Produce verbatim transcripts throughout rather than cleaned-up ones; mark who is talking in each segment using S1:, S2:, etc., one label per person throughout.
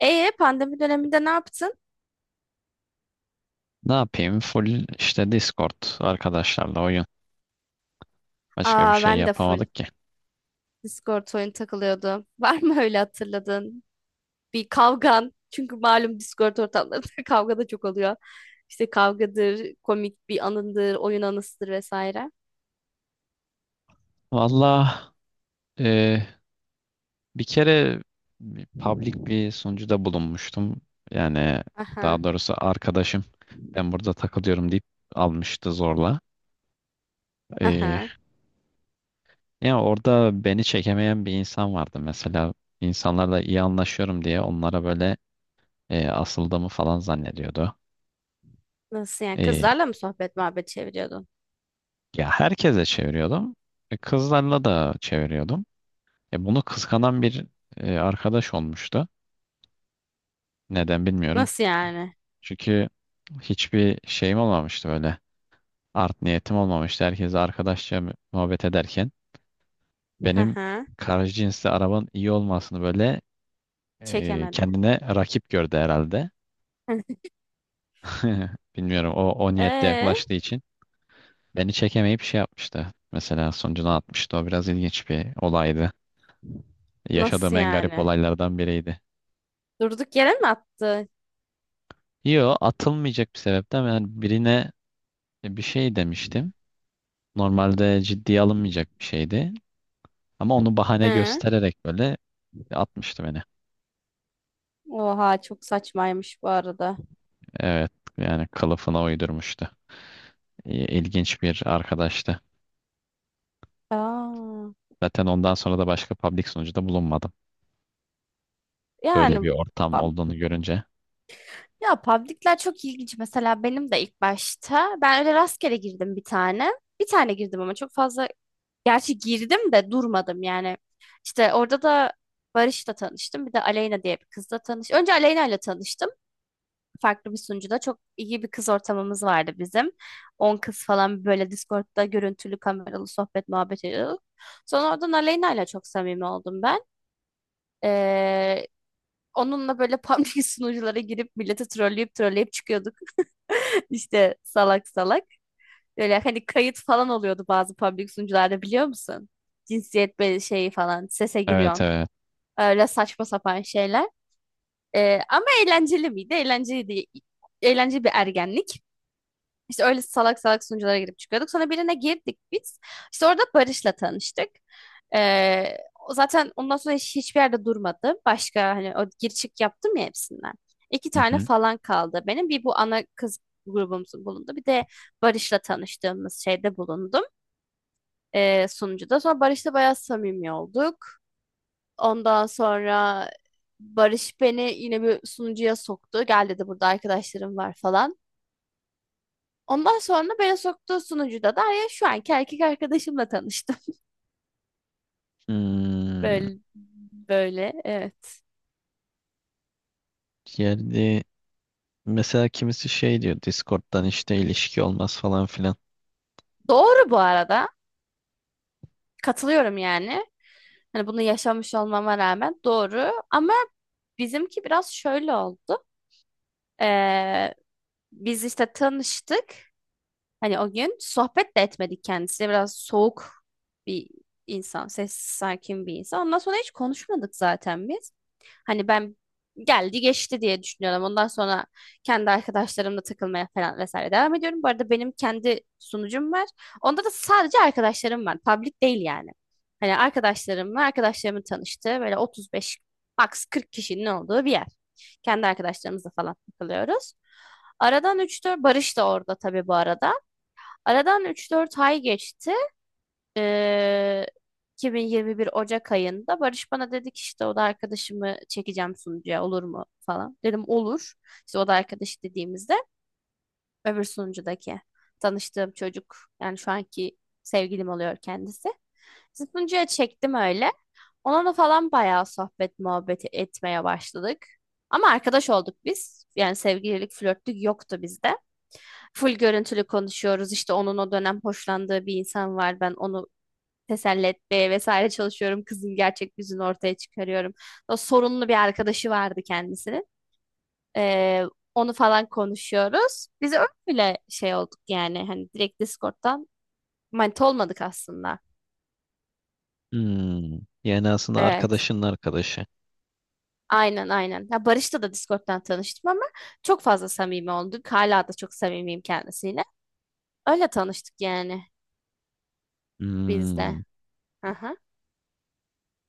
S1: Ee pandemi döneminde ne yaptın?
S2: Ne yapayım? Full işte Discord arkadaşlarla oyun. Başka bir
S1: Aa,
S2: şey
S1: ben de full
S2: yapamadık ki.
S1: Discord oyun takılıyordu. Var mı öyle hatırladın? Bir kavgan. Çünkü malum Discord ortamlarında kavga da çok oluyor. İşte kavgadır, komik bir anındır, oyun anısıdır vesaire.
S2: Valla e, bir kere bir public bir sunucuda bulunmuştum. Yani
S1: Aha,
S2: daha doğrusu arkadaşım ben burada takılıyorum deyip almıştı zorla. E,
S1: aha.
S2: Yani orada beni çekemeyen bir insan vardı. Mesela insanlarla iyi anlaşıyorum diye onlara böyle e, asıldığımı falan zannediyordu.
S1: Nasıl yani?
S2: E,
S1: Kızlarla mı sohbet muhabbet çeviriyordun?
S2: Ya herkese çeviriyordum. E, Kızlarla da çeviriyordum. E, bunu kıskanan bir e, arkadaş olmuştu. Neden bilmiyorum.
S1: Nasıl yani?
S2: Çünkü hiçbir şeyim olmamıştı böyle. Art niyetim olmamıştı. Herkese arkadaşça muhabbet ederken benim
S1: Aha,
S2: karşı cinsli arabanın iyi olmasını böyle e,
S1: çekemedi.
S2: kendine rakip gördü herhalde. Bilmiyorum o o niyetle
S1: Ee,
S2: yaklaştığı için beni çekemeyip şey yapmıştı. Mesela sonucunu atmıştı. O biraz ilginç bir olaydı. Yaşadığım
S1: nasıl
S2: en garip
S1: yani?
S2: olaylardan biriydi.
S1: Durduk yere mi attı?
S2: Yo atılmayacak bir sebepten ben birine bir şey demiştim. Normalde ciddiye alınmayacak bir şeydi. Ama onu bahane
S1: Hı.
S2: göstererek böyle atmıştı beni.
S1: Oha çok saçmaymış bu arada.
S2: Evet, yani kılıfına uydurmuştu. İ- İlginç bir arkadaştı.
S1: Aa.
S2: Zaten ondan sonra da başka public sunucuda bulunmadım. Böyle bir
S1: Yani,
S2: ortam
S1: pub-
S2: olduğunu görünce.
S1: ya public'ler çok ilginç. Mesela benim de ilk başta ben öyle rastgele girdim bir tane. Bir tane girdim ama çok fazla gerçi girdim de durmadım yani. İşte orada da Barış'la tanıştım. Bir de Aleyna diye bir kızla tanıştım. Önce Aleyna ile tanıştım. Farklı bir sunucuda çok iyi bir kız ortamımız vardı bizim. On kız falan böyle Discord'da görüntülü kameralı sohbet muhabbet ediyorduk. Sonra oradan Aleyna ile çok samimi oldum ben. Ee, Onunla böyle public sunuculara girip milleti trolleyip trolleyip çıkıyorduk. İşte salak salak. Böyle hani kayıt falan oluyordu bazı public sunucularda biliyor musun? Cinsiyet be- şeyi falan sese
S2: Evet,
S1: giriyorsun.
S2: evet.
S1: Öyle saçma sapan şeyler. Ee, ama eğlenceli miydi? Eğlenceliydi. Eğlenceli bir ergenlik. İşte öyle salak salak sunuculara girip çıkıyorduk. Sonra birine girdik biz. İşte orada Barış'la tanıştık. Ee, o zaten ondan sonra hiç- hiçbir yerde durmadı. Başka hani o gir çık yaptım ya hepsinden. İki
S2: Hı
S1: tane
S2: hı.
S1: falan kaldı benim. Bir bu ana kız grubumuzun bulundu. Bir de Barış'la tanıştığımız şeyde bulundum. Ee, sunucuda. Sonra Barış'la bayağı samimi olduk. Ondan sonra Barış beni yine bir sunucuya soktu. Gel dedi burada arkadaşlarım var falan. Ondan sonra beni soktuğu sunucuda da ya şu anki erkek arkadaşımla tanıştım.
S2: Hmm,
S1: Böyle, böyle evet.
S2: geldi. Mesela kimisi şey diyor Discord'dan işte ilişki olmaz falan filan.
S1: Doğru bu arada. Katılıyorum yani. Hani bunu yaşamış olmama rağmen doğru. Ama bizimki biraz şöyle oldu. Ee, biz işte tanıştık. Hani o gün sohbet de etmedik kendisiyle. Biraz soğuk bir insan, sessiz, sakin bir insan. Ondan sonra hiç konuşmadık zaten biz. Hani ben geldi geçti diye düşünüyorum. Ondan sonra kendi arkadaşlarımla takılmaya falan vesaire devam ediyorum. Bu arada benim kendi sunucum var. Onda da sadece arkadaşlarım var. Public değil yani. Hani arkadaşlarımla arkadaşlarımın tanıştığı böyle otuz beş max kırk kişinin olduğu bir yer. Kendi arkadaşlarımızla falan takılıyoruz. Aradan 3-4 Barış da orada tabii bu arada. Aradan üç dört ay geçti. Ee, iki bin yirmi bir Ocak ayında Barış bana dedi ki işte oda arkadaşımı çekeceğim sunucuya olur mu falan. Dedim olur. İşte oda arkadaşı dediğimizde öbür sunucudaki tanıştığım çocuk yani şu anki sevgilim oluyor kendisi. Sunucuya çektim öyle. Onunla falan bayağı sohbet muhabbet etmeye başladık. Ama arkadaş olduk biz. Yani sevgililik, flörtlük yoktu bizde. Full görüntülü konuşuyoruz. İşte onun o dönem hoşlandığı bir insan var. Ben onu teselli etmeye vesaire çalışıyorum. Kızın gerçek yüzünü ortaya çıkarıyorum. O sorunlu bir arkadaşı vardı kendisinin. Ee, onu falan konuşuyoruz. Biz öyle şey olduk yani. Hani direkt Discord'dan manita olmadık aslında.
S2: Hmm, yani aslında
S1: Evet.
S2: arkadaşının arkadaşı.
S1: Aynen aynen. Ya Barış'la da Discord'dan tanıştım ama çok fazla samimi olduk. Hala da çok samimiyim kendisiyle. Öyle tanıştık yani biz de.
S2: Hmm.
S1: Hı hı.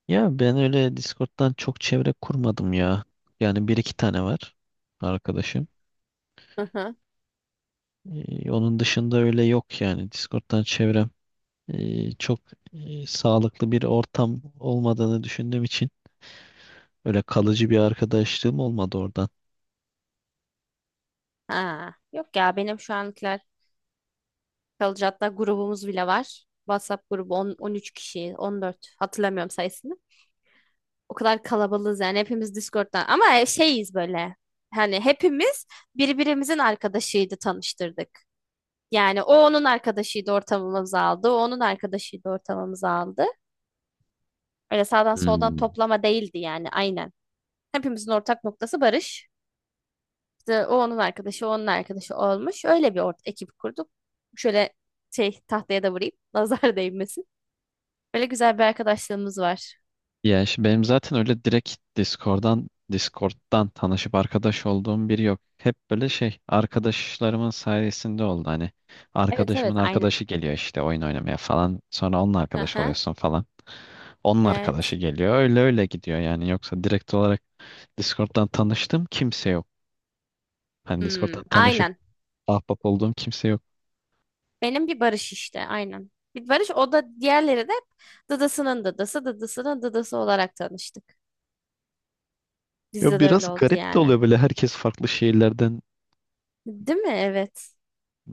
S2: Ya ben öyle Discord'dan çok çevre kurmadım ya. Yani bir iki tane var arkadaşım.
S1: Hı hı.
S2: Ee, onun dışında öyle yok yani. Discord'dan çevrem ee, çok ee, sağlıklı bir ortam olmadığını düşündüğüm için öyle kalıcı bir arkadaşlığım olmadı oradan.
S1: Ha. Yok ya benim şu ankiler kalıcı, hatta grubumuz bile var. WhatsApp grubu on, on üç kişi, on dört hatırlamıyorum sayısını. O kadar kalabalığız yani, hepimiz Discord'dan ama şeyiz böyle. Hani hepimiz birbirimizin arkadaşıydı, tanıştırdık. Yani o onun arkadaşıydı, ortamımızı aldı. O onun arkadaşıydı, ortamımızı aldı. Öyle sağdan soldan
S2: Hmm.
S1: toplama değildi yani, aynen. Hepimizin ortak noktası Barış. İşte o onun arkadaşı, o onun arkadaşı olmuş. Öyle bir ort ekip kurduk. Şöyle şey tahtaya da vurayım. Nazar değmesin. Böyle güzel bir arkadaşlığımız var.
S2: Ya işte benim zaten öyle direkt Discord'dan Discord'dan tanışıp arkadaş olduğum biri yok. Hep böyle şey arkadaşlarımın sayesinde oldu hani.
S1: Evet
S2: Arkadaşımın
S1: evet aynen.
S2: arkadaşı geliyor işte oyun oynamaya falan. Sonra onunla arkadaş
S1: Aha,
S2: oluyorsun falan. Onun arkadaşı
S1: evet.
S2: geliyor. Öyle öyle gidiyor yani. Yoksa direkt olarak Discord'dan tanıştığım kimse yok. Hani
S1: Hmm,
S2: Discord'dan tanışıp
S1: aynen.
S2: ahbap olduğum kimse yok.
S1: Benim bir Barış işte aynen. Bir Barış, o da diğerleri de dadasının dadası, dadasının dadası olarak tanıştık.
S2: Ya
S1: Bizde de
S2: biraz
S1: öyle oldu
S2: garip de
S1: yani.
S2: oluyor böyle herkes farklı şehirlerden.
S1: Değil mi? Evet.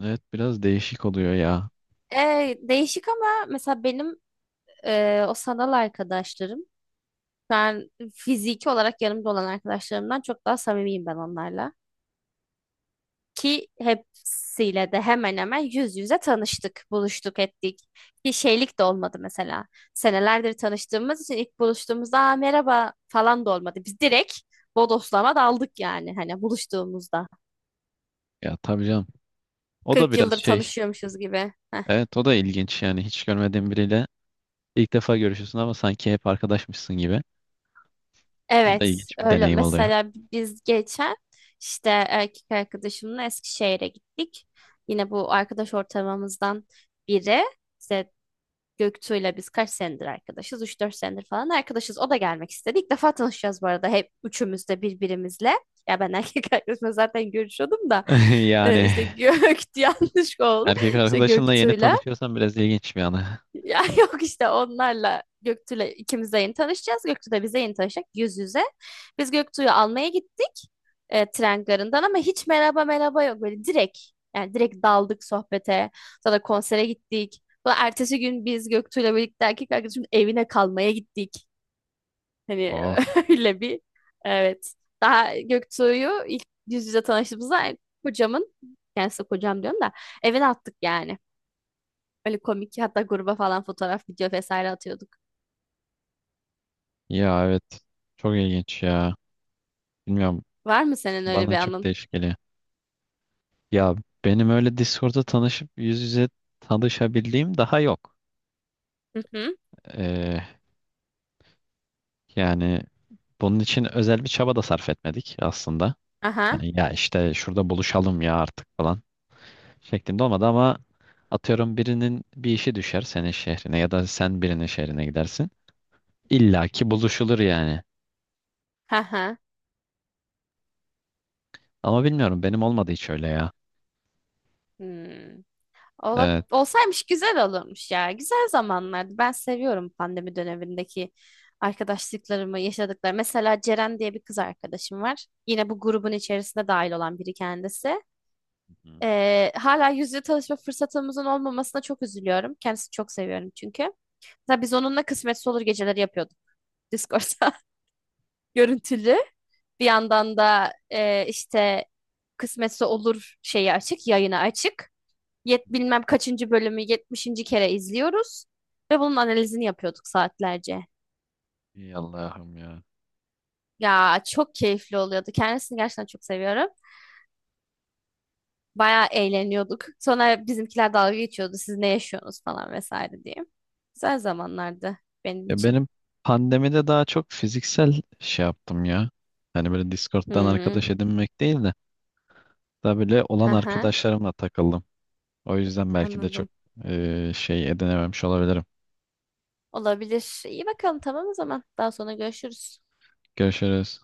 S2: Evet, biraz değişik oluyor ya.
S1: Ee, değişik ama, mesela benim, e, o sanal arkadaşlarım. Ben fiziki olarak yanımda olan arkadaşlarımdan çok daha samimiyim ben onlarla. Ki hepsiyle de hemen hemen yüz yüze tanıştık, buluştuk, ettik. Bir şeylik de olmadı mesela. Senelerdir tanıştığımız için ilk buluştuğumuzda "Aa, merhaba" falan da olmadı. Biz direkt bodoslama daldık yani, hani buluştuğumuzda.
S2: Ya tabii canım. O da
S1: kırk
S2: biraz
S1: yıldır
S2: şey.
S1: tanışıyormuşuz gibi.
S2: Evet, o da ilginç yani hiç görmediğin biriyle ilk defa görüşüyorsun ama sanki hep arkadaşmışsın gibi. O da
S1: Evet,
S2: ilginç bir
S1: öyle.
S2: deneyim oluyor.
S1: Mesela biz geçen işte erkek arkadaşımla Eskişehir'e gittik. Yine bu arkadaş ortamımızdan biri. İşte Göktuğ'yla biz kaç senedir arkadaşız? Üç dört senedir falan arkadaşız. O da gelmek istedi. İlk defa tanışacağız bu arada, hep üçümüz de birbirimizle. Ya ben erkek arkadaşımla zaten görüşüyordum da e,
S2: Yani
S1: işte Gök yanlış oldu.
S2: erkek
S1: İşte
S2: arkadaşınla yeni
S1: Göktuğ'yla.
S2: tanışıyorsan biraz ilginç bir anı.
S1: Ya yok, işte onlarla Göktuğ'la ikimiz de yeni tanışacağız. Göktuğ da bize yeni tanışacak yüz yüze. Biz Göktuğ'u almaya gittik, e, tren garından, ama hiç merhaba merhaba yok. Böyle direkt, yani direkt daldık sohbete. Sonra konsere gittik. Sonra ertesi gün biz Göktuğ'la birlikte erkek arkadaşımın evine kalmaya gittik. Hani
S2: Oh
S1: öyle bir, evet. Daha Göktuğ'u ilk yüz yüze tanıştığımızda kocamın, yani size kocam diyorum da, evine attık yani. Öyle komik, hatta gruba falan fotoğraf video vesaire atıyorduk.
S2: ya, evet, çok ilginç ya. Bilmiyorum,
S1: Var mı senin öyle bir
S2: bana çok
S1: anın?
S2: değişik geliyor. Ya benim öyle Discord'da tanışıp yüz yüze tanışabildiğim daha yok.
S1: Hı hı.
S2: Ee, Yani bunun için özel bir çaba da sarf etmedik aslında.
S1: Aha.
S2: Hani ya işte şurada buluşalım ya artık falan şeklinde olmadı ama atıyorum birinin bir işi düşer senin şehrine ya da sen birinin şehrine gidersin. İlla ki buluşulur yani.
S1: Aha.
S2: Ama bilmiyorum benim olmadı hiç öyle ya.
S1: Hmm. Ola,
S2: Evet.
S1: olsaymış güzel olurmuş ya. Güzel zamanlardı. Ben seviyorum pandemi dönemindeki arkadaşlıklarımı, yaşadıklarımı. Mesela Ceren diye bir kız arkadaşım var. Yine bu grubun içerisinde dahil olan biri kendisi.
S2: Hı hı.
S1: Ee, hala yüz yüze tanışma fırsatımızın olmamasına çok üzülüyorum. Kendisini çok seviyorum çünkü. Mesela biz onunla kısmetse olur geceleri yapıyorduk. Discord'da görüntülü. Bir yandan da e, işte kısmetse olur şeyi açık, yayını açık. Yet bilmem kaçıncı bölümü yetmişinci kere izliyoruz ve bunun analizini yapıyorduk saatlerce.
S2: Allah'ım ya.
S1: Ya çok keyifli oluyordu. Kendisini gerçekten çok seviyorum. Bayağı eğleniyorduk. Sonra bizimkiler dalga geçiyordu. Siz ne yaşıyorsunuz falan vesaire diye. Güzel zamanlardı benim
S2: Ya
S1: için.
S2: benim pandemide daha çok fiziksel şey yaptım ya. Hani böyle Discord'dan arkadaş
S1: Hmm.
S2: edinmek değil de daha böyle olan
S1: Hı hı.
S2: arkadaşlarımla takıldım. O yüzden belki de çok
S1: Anladım.
S2: eee, şey edinememiş olabilirim.
S1: Olabilir. İyi bakalım, tamam o zaman. Daha sonra görüşürüz.
S2: Görüşürüz.